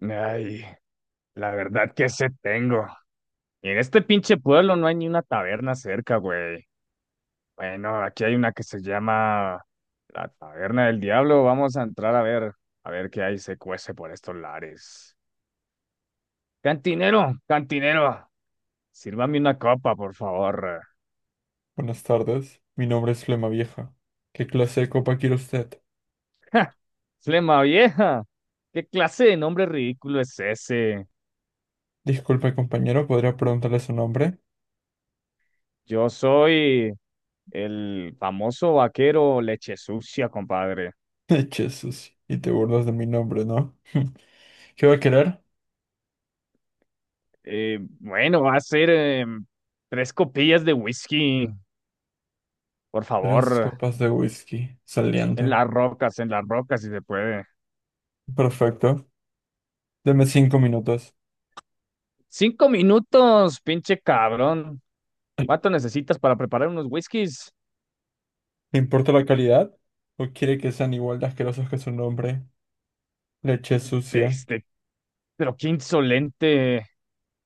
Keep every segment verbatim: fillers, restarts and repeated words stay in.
Ay, la verdad que sé tengo. Y en este pinche pueblo no hay ni una taberna cerca, güey. Bueno, aquí hay una que se llama la Taberna del Diablo. Vamos a entrar a ver, a ver qué hay se cuece por estos lares. Cantinero, cantinero, sírvame una copa, por favor. Buenas tardes, mi nombre es Flema Vieja. ¿Qué clase de copa quiere usted? ¡Ja! Flema vieja, ¿qué clase de nombre ridículo es ese? Disculpe, compañero, ¿podría preguntarle su nombre? Yo soy el famoso vaquero leche sucia, compadre. Eche sucio, y te burlas de mi nombre, ¿no? ¿Qué va a querer? Eh, bueno, va a ser eh, Tres copillas de whisky, por Tres favor, copas de whisky, en saliendo. las rocas, en las rocas, si se puede. Perfecto, deme cinco minutos. Cinco minutos, pinche cabrón. ¿Le ¿Cuánto necesitas para preparar unos whiskies? importa la calidad? ¿O quiere que sean igual de asquerosos que su nombre? Leche sucia. Este, pero qué insolente.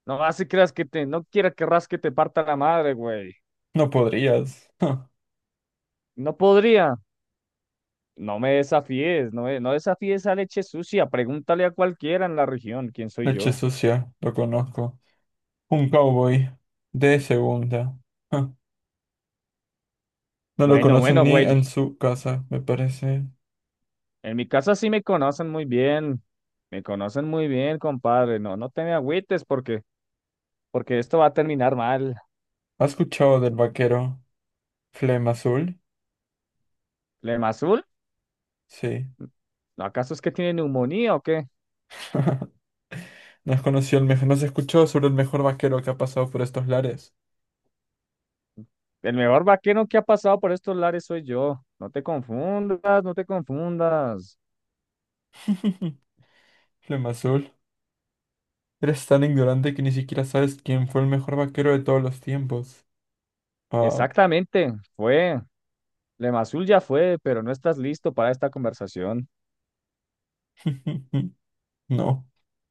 No así creas que te, no quiera querrás que te parta la madre, güey. No podrías. Ja, No podría. No me desafíes, no, eh, no desafíes a leche sucia. Pregúntale a cualquiera en la región quién soy leche yo. sucia, lo conozco. Un cowboy de segunda. Ja. No lo Bueno, conocen bueno, ni güey, en su casa, me parece. en mi casa sí me conocen muy bien, me conocen muy bien, compadre. No, no te me agüites porque, porque esto va a terminar mal. ¿Has escuchado del vaquero Flema Azul? Lemazul, Sí. ¿acaso es que tiene neumonía o qué? No has conocido el mejor, no has escuchado sobre el mejor vaquero que ha pasado por estos lares. El mejor vaquero que ha pasado por estos lares soy yo. No te confundas, no te confundas. Flema Azul. Eres tan ignorante que ni siquiera sabes quién fue el mejor vaquero de todos los tiempos. Ah. Exactamente, fue. Lemazul ya fue, pero no estás listo para esta conversación. No.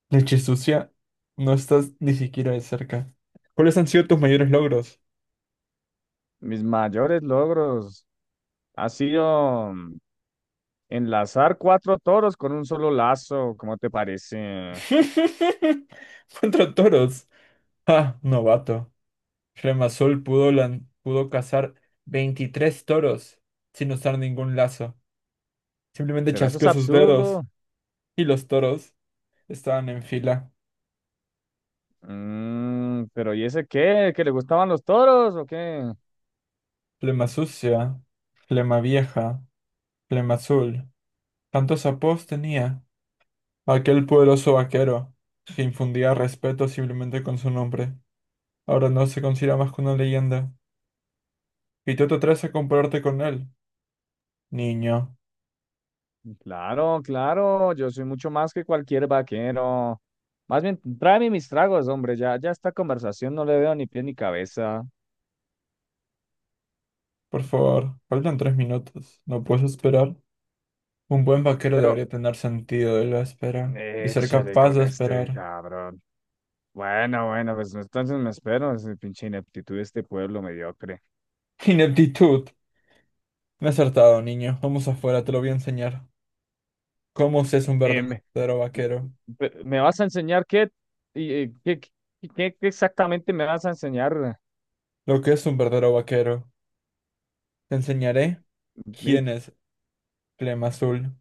Leche sucia. No estás ni siquiera de cerca. ¿Cuáles han sido tus mayores logros? Mis mayores logros ha sido mm, enlazar cuatro toros con un solo lazo, ¿cómo te parece? Contra toros. Ah, novato. Remazol pudo, lan- pudo cazar veintitrés toros sin usar ningún lazo. Simplemente Pero eso es chasqueó sus dedos absurdo. y los toros estaban en fila. Mm, pero ¿y ese qué? ¿Que le gustaban los toros o qué? Flema sucia, flema vieja, flema azul. Tantos apodos tenía aquel poderoso vaquero que infundía respeto simplemente con su nombre. Ahora no se considera más que una leyenda. Y tú te atreves a compararte con él. Niño, Claro, claro, yo soy mucho más que cualquier vaquero. Más bien, tráeme mis tragos, hombre, ya, ya esta conversación no le veo ni pie ni cabeza. por favor, faltan tres minutos. ¿No puedes esperar? Un buen vaquero Pero, debería tener sentido de la espera y ser échale capaz con de este esperar. cabrón. Bueno, bueno, pues entonces me espero, es pinche ineptitud de este pueblo mediocre. Ineptitud. Me he acertado, niño. Vamos afuera, te lo voy a enseñar. ¿Cómo se es un Eh, me, verdadero vaquero? Pe- ¿me vas a enseñar qué? ¿Y eh, qué, qué, qué exactamente me vas a enseñar? Lo que es un verdadero vaquero. Te enseñaré Y quién es Flema Azul.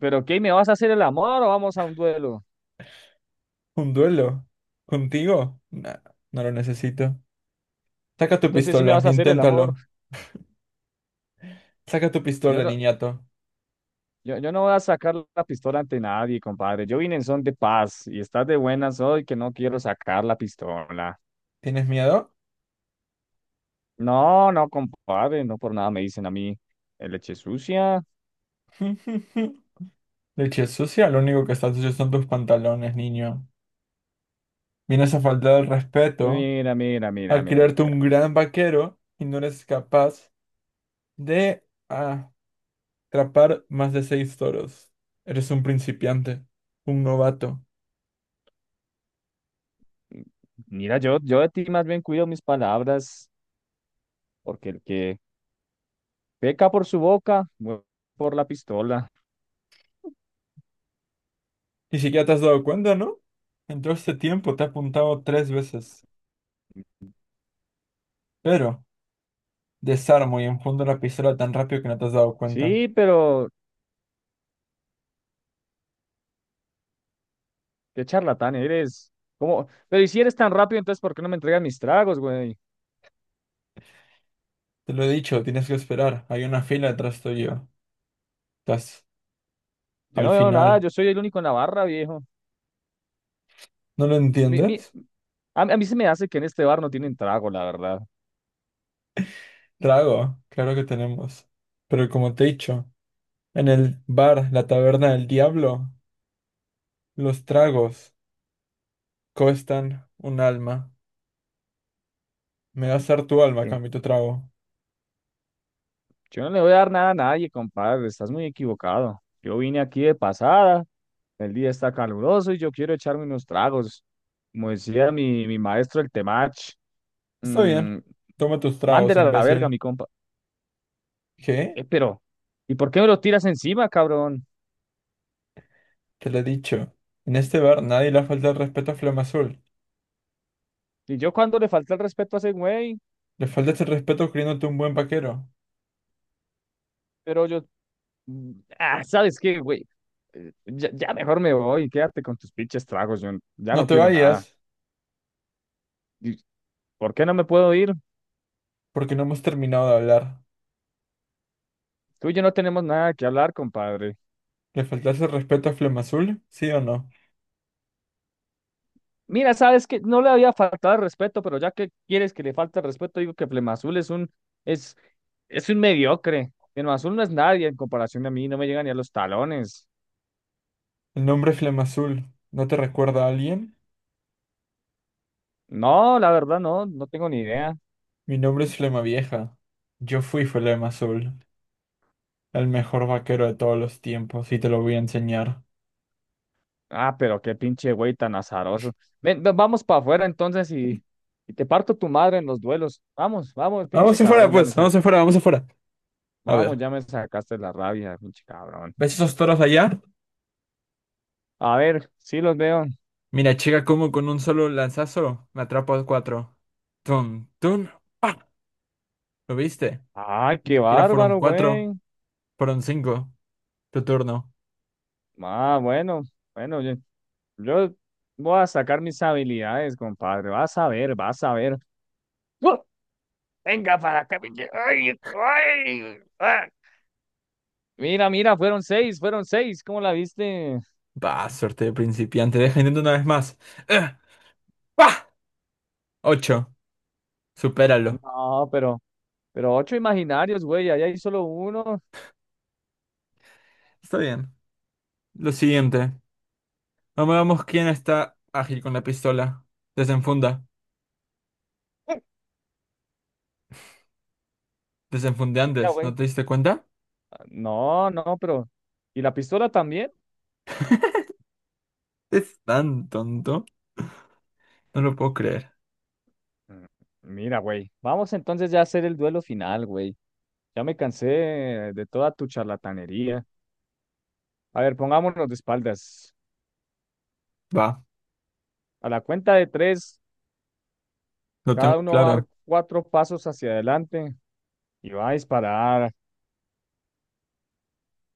pero ¿qué? ¿Me vas a hacer el amor o vamos a un duelo? ¿Un duelo? ¿Contigo? Nah, no lo necesito. Saca tu Entonces sí me pistola, vas a hacer el inténtalo. amor. Saca tu Yo pistola, no, niñato. yo, yo no voy a sacar la pistola ante nadie, compadre. Yo vine en son de paz y estás de buenas hoy que no quiero sacar la pistola. ¿Tienes miedo? No, no, compadre, no por nada me dicen a mí eh, leche sucia. Leche sucia, lo único que está sucio son tus pantalones, niño. Vienes a faltar el respeto. Mira, mira, mira, Al mira, crearte mira. un gran vaquero y no eres capaz de atrapar más de seis toros. Eres un principiante, un novato. Mira, yo, yo de ti más bien cuido mis palabras, porque el que peca por su boca, muere por la pistola. Ni siquiera te has dado cuenta, ¿no? En todo este tiempo te he apuntado tres veces, pero desarmo y enfundo la pistola tan rápido que no te has dado cuenta. Sí, pero qué charlatán eres. ¿Cómo? Pero y si eres tan rápido, entonces ¿por qué no me entregas mis tragos, güey? Te lo he dicho, tienes que esperar. Hay una fila detrás tuyo. Estás Yo no al veo nada, final. yo soy el único en la barra, viejo. ¿No lo Mi, mi, entiendes? a, a mí se me hace que en este bar no tienen trago, la verdad. Rago, claro que tenemos. Pero como te he dicho, en el bar, la taberna del diablo, los tragos cuestan un alma. Me das dar tu alma, a Bien, cambio de tu trago. yo no le voy a dar nada a nadie, compadre, estás muy equivocado. Yo vine aquí de pasada, el día está caluroso y yo quiero echarme unos tragos. Como decía mi, mi maestro, el Temach, Está bien. mm, Toma tus tragos, mándela a la verga, imbécil. mi compa. ¿Qué? Eh, pero, ¿Y por qué me lo tiras encima, cabrón? Te lo he dicho. En este bar nadie le falta el respeto a Flama Azul. Y yo cuando le falta el respeto a ese güey, Le faltas el respeto creyéndote un buen vaquero. pero yo, mm, ah, ¿sabes qué, güey? Eh, Ya, ya mejor me voy, quédate con tus pinches tragos, yo n- ya No no te quiero nada. vayas, ¿Y por qué no me puedo ir? porque no hemos terminado de hablar. Tú y yo no tenemos nada que hablar, compadre. ¿Le faltas el respeto a Flama Azul? ¿Sí o no? Mira, sabes que no le había faltado el respeto, pero ya que quieres que le falte el respeto, digo que Flemazul es un, es, es un mediocre. Flemazul no es nadie en comparación a mí, no me llega ni a los talones. El nombre Flema Azul, ¿no te recuerda a alguien? No, la verdad no, no tengo ni idea. Mi nombre es Flema Vieja. Yo fui Flema Azul, el mejor vaquero de todos los tiempos, y te lo voy a enseñar. Ah, pero qué pinche güey tan azaroso. Ven, va- vamos para afuera entonces y, y te parto tu madre en los duelos. Vamos, vamos, pinche Vamos afuera, cabrón, ya me pues, sac- vamos afuera, vamos afuera. A vamos, ver, ya me sacaste la rabia, pinche cabrón. ¿ves esos toros allá? A ver, sí los veo. Mira, chica, como con un solo lanzazo me atrapo a cuatro. Tun, tun, pa. ¿Lo viste? Ay, Ni qué siquiera fueron bárbaro, güey. cuatro, fueron cinco. Tu turno. Ah, bueno, bueno, yo, yo voy a sacar mis habilidades, compadre. Vas a ver, vas a ver. ¡Uh! Venga para acá, pinche. Ay, ay, ah. Mira, mira, fueron seis, fueron seis. ¿Cómo la viste? Bah, suerte de principiante. Deja intento una vez más. Eh, Pa. Ocho. Supéralo. No, pero. Pero ocho imaginarios, güey, allá hay solo uno. Está bien. Lo siguiente. Vamos, vamos, quién está ágil con la pistola. Desenfunda. Desenfunde Mira, antes. ¿No güey. te diste cuenta? Ah, no, no, pero. ¿Y la pistola también? Es tan tonto. No lo puedo creer. Mm, mira, güey. Vamos entonces ya a hacer el duelo final, güey. Ya me cansé de toda tu charlatanería. A ver, pongámonos de espaldas. Va. A la cuenta de tres, Lo tengo cada uno va a dar claro. cuatro pasos hacia adelante y va a disparar.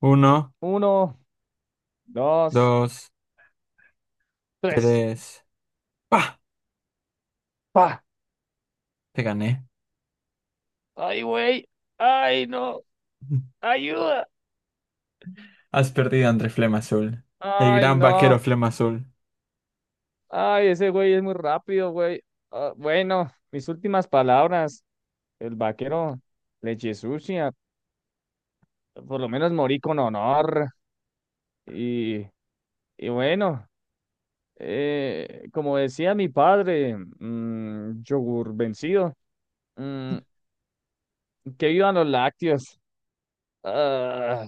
Uno, Uno, dos, dos, tres. tres. ¡Pah! ¡Pa! Te gané. ¡Ay, güey! ¡Ay, no! ¡Ayuda! Has perdido entre Flema Azul. El ¡Ay, gran no! vaquero Flema Azul. Ay, ese güey es muy rápido, güey. Ah, bueno, mis últimas palabras. El vaquero leche sucia. Por lo menos morí con honor. Y, y bueno, eh, como decía mi padre, mm, yogur vencido, mm, que vivan los lácteos. Ah,